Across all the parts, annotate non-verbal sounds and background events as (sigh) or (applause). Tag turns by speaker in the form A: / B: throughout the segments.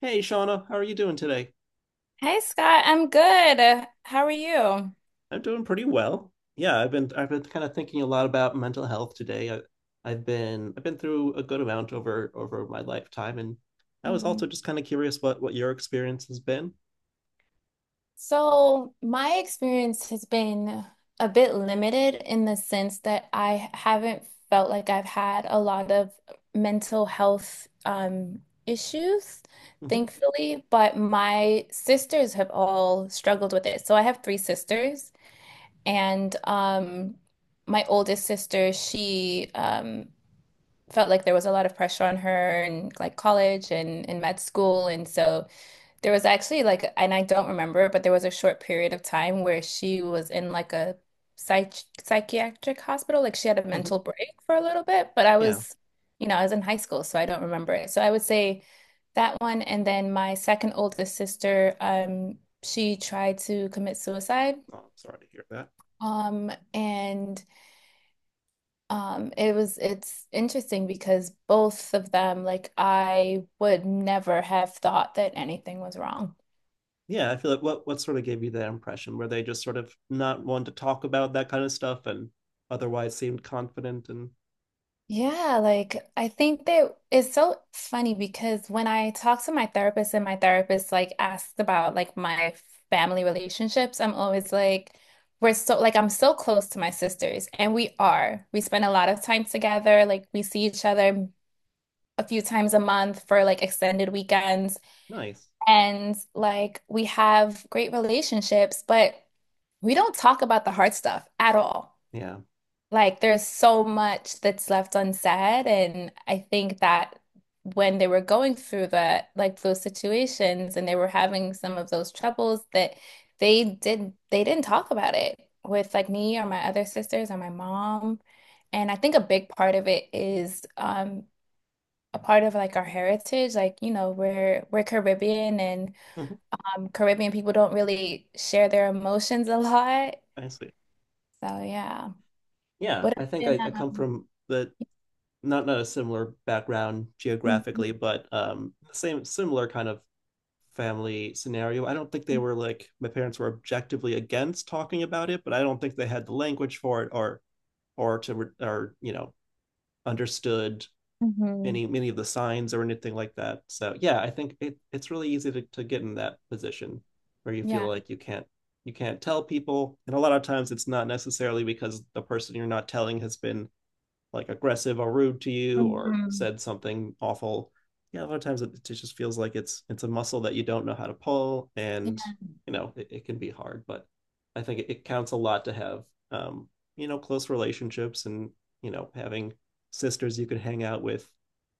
A: Hey, Shauna, how are you doing today?
B: Hey Scott, I'm good. How are you?
A: I'm doing pretty well. Yeah, I've been kind of thinking a lot about mental health today. I've been through a good amount over my lifetime, and I was
B: Hmm.
A: also just kind of curious what your experience has been.
B: So, my experience has been a bit limited in the sense that I haven't felt like I've had a lot of mental health issues,
A: Hmm.
B: thankfully, but my sisters have all struggled with it. So, I have three sisters, and my oldest sister, she felt like there was a lot of pressure on her in like college and in med school. And so there was actually like, and I don't remember, but there was a short period of time where she was in like a psych psychiatric hospital. Like she had a
A: Hmm.
B: mental break for a little bit, but I
A: Yeah.
B: was, you know, I was in high school, so I don't remember it. So I would say that one. And then my second oldest sister, she tried to commit suicide.
A: Oh, I'm sorry to hear that.
B: And it was it's interesting because both of them, like I would never have thought that anything was wrong.
A: Yeah, I feel like what sort of gave you that impression? Were they just sort of not one to talk about that kind of stuff, and otherwise seemed confident and
B: Yeah, like I think that it's so funny because when I talk to my therapist and my therapist like asks about like my family relationships, I'm always like, we're so like I'm so close to my sisters and we are. We spend a lot of time together, like we see each other a few times a month for like extended weekends.
A: nice?
B: And like we have great relationships, but we don't talk about the hard stuff at all.
A: Yeah.
B: Like there's so much that's left unsaid, and I think that when they were going through that, like those situations, and they were having some of those troubles that they didn't talk about it with like me or my other sisters or my mom. And I think a big part of it is a part of like our heritage, like you know, we're Caribbean and
A: Hmm.
B: Caribbean people don't really share their emotions a lot.
A: I see.
B: So yeah.
A: Yeah,
B: What
A: I
B: has
A: think I,
B: been
A: I come from the not a similar background geographically, but same similar kind of family scenario. I don't think they were like my parents were objectively against talking about it, but I don't think they had the language for it or to or you know understood
B: mhm,
A: any many of the signs or anything like that. So yeah, I think it's really easy to get in that position where you feel
B: yeah.
A: like you can't tell people, and a lot of times it's not necessarily because the person you're not telling has been like aggressive or rude to you or
B: Mhm.
A: said something awful. Yeah, a lot of times it just feels like it's a muscle that you don't know how to pull, and
B: Yeah.
A: you know it can be hard. But I think it counts a lot to have um you know close relationships, and you know having sisters you could hang out with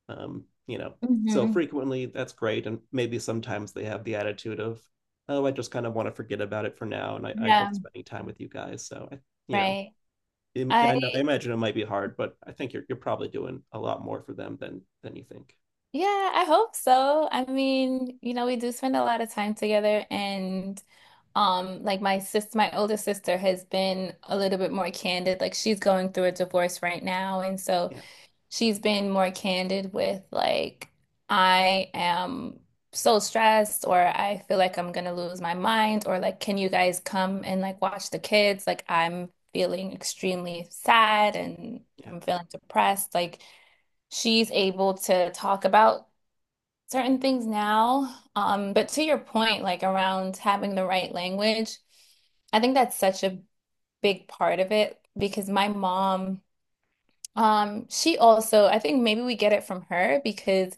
A: you know so
B: Hmm.
A: frequently, that's great. And maybe sometimes they have the attitude of, oh, I just kind of want to forget about it for now, and I love
B: Yeah,
A: spending time with you guys. So I you know
B: right. I
A: I know, I imagine it might be hard, but I think you're probably doing a lot more for them than you think.
B: yeah, I hope so. I mean, you know, we do spend a lot of time together and like my older sister has been a little bit more candid. Like she's going through a divorce right now and so
A: Yeah,
B: she's been more candid with like I am so stressed or I feel like I'm gonna lose my mind or like can you guys come and like watch the kids? Like I'm feeling extremely sad and
A: yeah,
B: I'm feeling depressed. Like she's able to talk about certain things now. But to your point, like around having the right language, I think that's such a big part of it because my mom she also, I think maybe we get it from her because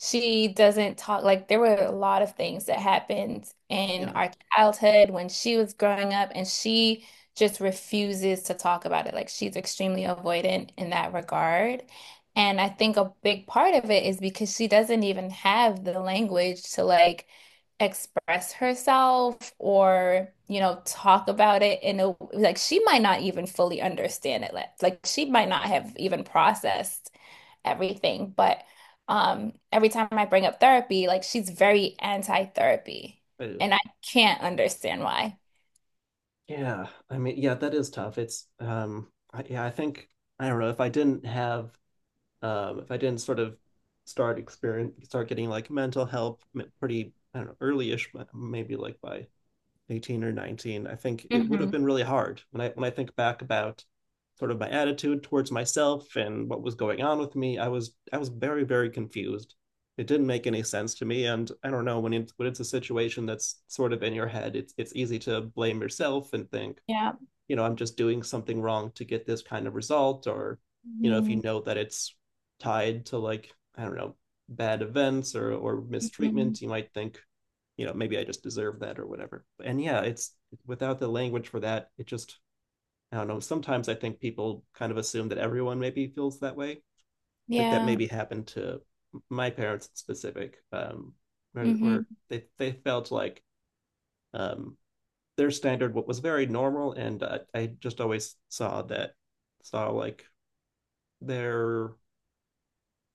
B: she doesn't talk like there were a lot of things that happened in
A: yeah.
B: our childhood when she was growing up, and she just refuses to talk about it. Like she's extremely avoidant in that regard. And I think a big part of it is because she doesn't even have the language to like express herself or, you know, talk about it in a like she might not even fully understand it. She might not have even processed everything. But every time I bring up therapy, like she's very anti-therapy,
A: I do.
B: and I can't understand why.
A: Yeah, I mean, yeah, that is tough. It's yeah, I think I don't know if I didn't have, if I didn't sort of start getting like mental help pretty, I don't know, early-ish, maybe like by 18 or 19. I think it would have
B: Hmm.
A: been really hard when I think back about sort of my attitude towards myself and what was going on with me. I was very very confused. It didn't make any sense to me, and I don't know, when it's a situation that's sort of in your head, it's easy to blame yourself and think,
B: Yeah.
A: you know, I'm just doing something wrong to get this kind of result. Or, you know, if you
B: Hmm.
A: know that it's tied to, like, I don't know, bad events or
B: Hmm.
A: mistreatment, you might think, you know, maybe I just deserve that or whatever. And yeah, it's, without the language for that, it just, I don't know. Sometimes I think people kind of assume that everyone maybe feels that way. I think that
B: Yeah.
A: maybe happened to my parents in specific, or,
B: Hmm.
A: or they felt like um, their standard what was very normal. And I just always saw that, saw like their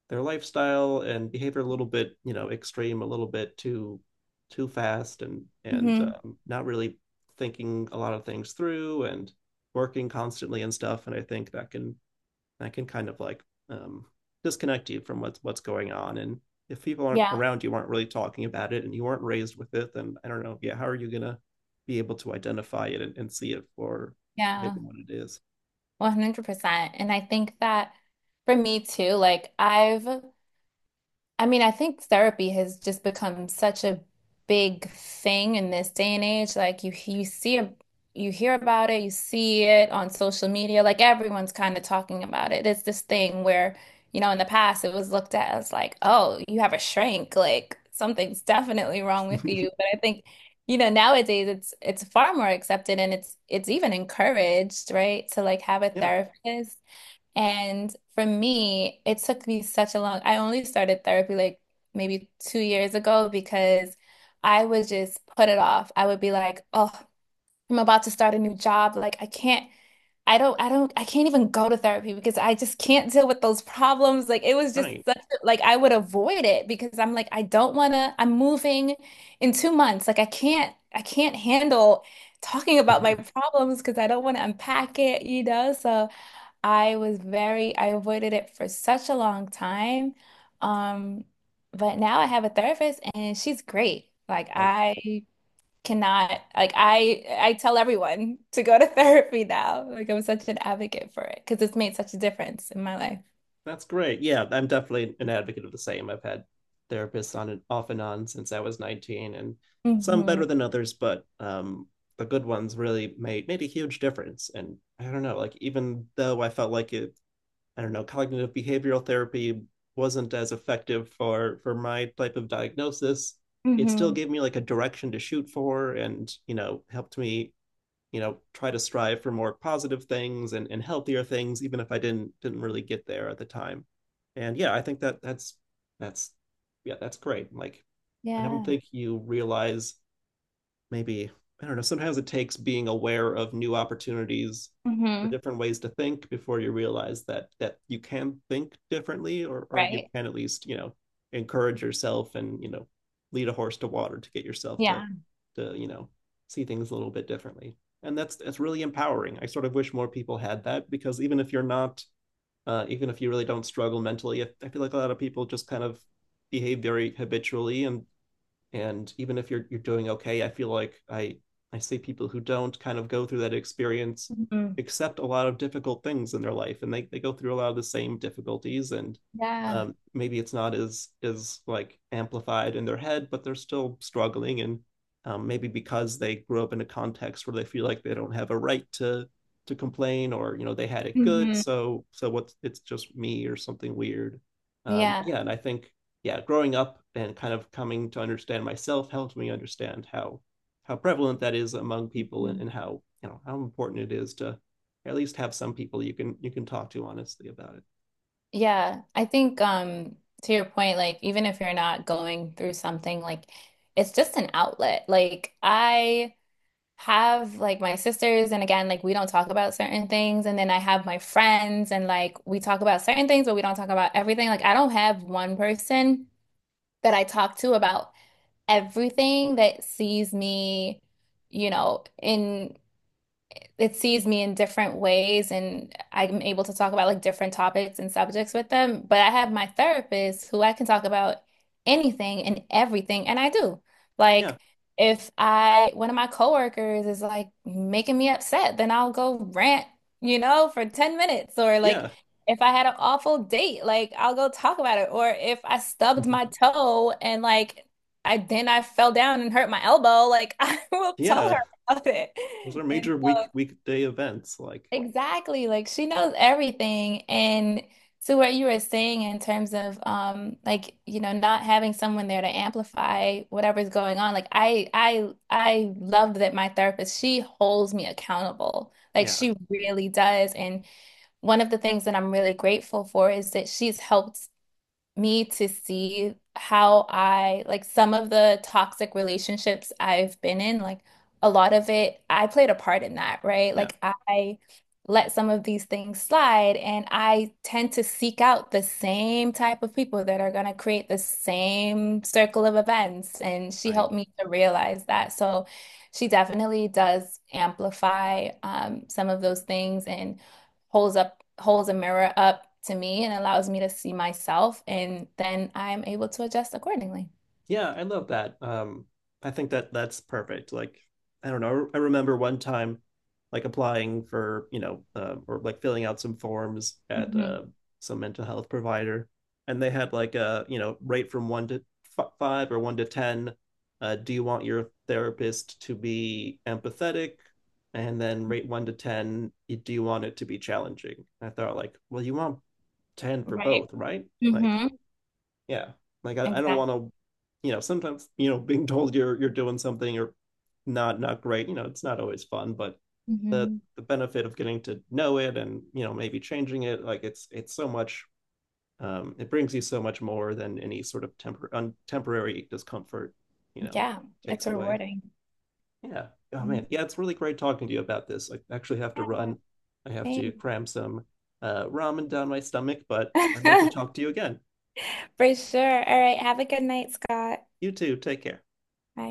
A: lifestyle and behavior a little bit, you know, extreme, a little bit too fast and
B: Hmm.
A: not really thinking a lot of things through, and working constantly and stuff. And I think that can, kind of like, um, disconnect you from what's going on. And if people aren't
B: Yeah.
A: around you aren't really talking about it, and you weren't raised with it, then I don't know, yeah, how are you gonna be able to identify it, and see it for maybe
B: Yeah.
A: what it is.
B: 100%. And I think that for me too, I mean, I think therapy has just become such a big thing in this day and age. Like you see a, you hear about it, you see it on social media, like everyone's kind of talking about it. It's this thing where, you know, in the past it was looked at as like, oh, you have a shrink, like something's definitely wrong with you.
A: (laughs)
B: But I think, you know, nowadays it's far more accepted and it's even encouraged, right? To like have a
A: Yeah.
B: therapist. And for me, it took me such a long, I only started therapy like maybe 2 years ago because I would just put it off. I would be like, oh, I'm about to start a new job. Like, I can't even go to therapy because I just can't deal with those problems. Like, it was just
A: Right.
B: such, a- like, I would avoid it because I'm like, I don't wanna, I'm moving in 2 months. Like, I can't handle talking about my problems because I don't want to unpack it, you know? So, I avoided it for such a long time. Um, but now I have a therapist and she's great. Like I cannot, like I tell everyone to go to (laughs) therapy now. Like I'm such an advocate for it because it's made such a difference in my life.
A: (laughs) That's great. Yeah, I'm definitely an advocate of the same. I've had therapists on and off and on since I was 19, and some
B: Mm-hmm.
A: better than others. But the good ones really made a huge difference. And I don't know, like even though I felt like it, I don't know, cognitive behavioral therapy wasn't as effective for my type of diagnosis. It still
B: Mm-hmm.
A: gave me like a direction to shoot for and, you know, helped me, you know, try to strive for more positive things and healthier things, even if I didn't really get there at the time. And yeah, I think that, that's yeah, that's great. Like, I don't
B: Yeah.
A: think you realize, maybe, I don't know. Sometimes it takes being aware of new opportunities for
B: Mm-hmm.
A: different ways to think before you realize that you can think differently, or you
B: Right?
A: can at least, you know, encourage yourself and, you know, lead a horse to water to get yourself to
B: Yeah.
A: you know see things a little bit differently. And that's, really empowering. I sort of wish more people had that, because even if you're not, even if you really don't struggle mentally, I feel like a lot of people just kind of behave very habitually, and even if you're doing okay, I feel like I see people who don't kind of go through that experience
B: Mm-hmm.
A: accept a lot of difficult things in their life, and they go through a lot of the same difficulties. And
B: Yeah.
A: maybe it's not as like amplified in their head, but they're still struggling. And maybe because they grew up in a context where they feel like they don't have a right to complain, or, you know, they had it good,
B: Mm-hmm.
A: so what's, it's just me or something weird.
B: Yeah.
A: Yeah. And I think, yeah, growing up and kind of coming to understand myself helped me understand how prevalent that is among people, and how, you know, how important it is to at least have some people you can talk to honestly about it.
B: Yeah, I think to your point, like even if you're not going through something, like it's just an outlet. Like I have like my sisters and again, like we don't talk about certain things and then I have my friends and like we talk about certain things but we don't talk about everything. Like I don't have one person that I talk to about everything that sees me, you know, in it sees me in different ways and I'm able to talk about like different topics and subjects with them. But I have my therapist who I can talk about anything and everything, and I do.
A: Yeah,
B: Like if I one of my coworkers is like making me upset, then I'll go rant, you know, for 10 minutes or like
A: yeah,
B: if I had an awful date, like I'll go talk about it. Or if I stubbed my
A: (laughs)
B: toe and like I fell down and hurt my elbow, like (laughs) I will tell her
A: yeah.
B: about it.
A: Those are
B: And
A: major
B: so
A: weekday events. Like,
B: exactly. Like she knows everything. And to what you were saying in terms of like, you know, not having someone there to amplify whatever's going on. Like I love that my therapist, she holds me accountable. Like
A: yeah,
B: she really does. And one of the things that I'm really grateful for is that she's helped me to see how I like some of the toxic relationships I've been in, like a lot of it, I played a part in that, right?
A: yeah,
B: Like I let some of these things slide and I tend to seek out the same type of people that are going to create the same circle of events. And she
A: right.
B: helped me to realize that. So she definitely does amplify some of those things and holds a mirror up to me and allows me to see myself, and then I'm able to adjust accordingly.
A: Yeah, I love that. I think that that's perfect. Like, I don't know. I remember one time, like applying for, you know, or like filling out some forms at
B: Hmm.
A: some mental health provider, and they had like a, you know, rate from one to f five, or 1 to 10. Do you want your therapist to be empathetic? And then rate 1 to 10. Do you want it to be challenging? I thought like, well, you want 10 for
B: Right.
A: both, right? Like,
B: Hmm.
A: yeah, like I don't
B: Exactly.
A: want to, you know, sometimes, you know, being told you're doing something, or not great, you know, it's not always fun. But the,
B: Hmm.
A: benefit of getting to know it and, you know, maybe changing it, like it's so much, it brings you so much more than any sort of temporary discomfort, you know,
B: Yeah, it's
A: takes away.
B: rewarding.
A: Yeah. Oh
B: Mhm.
A: man, yeah, it's really great talking to you about this. I actually have to
B: Yeah,
A: run. I have to
B: same.
A: cram some ramen down my stomach, but I'd love to
B: (laughs)
A: talk to you again.
B: For sure. All right. Have a good night, Scott.
A: You too, take care.
B: Bye.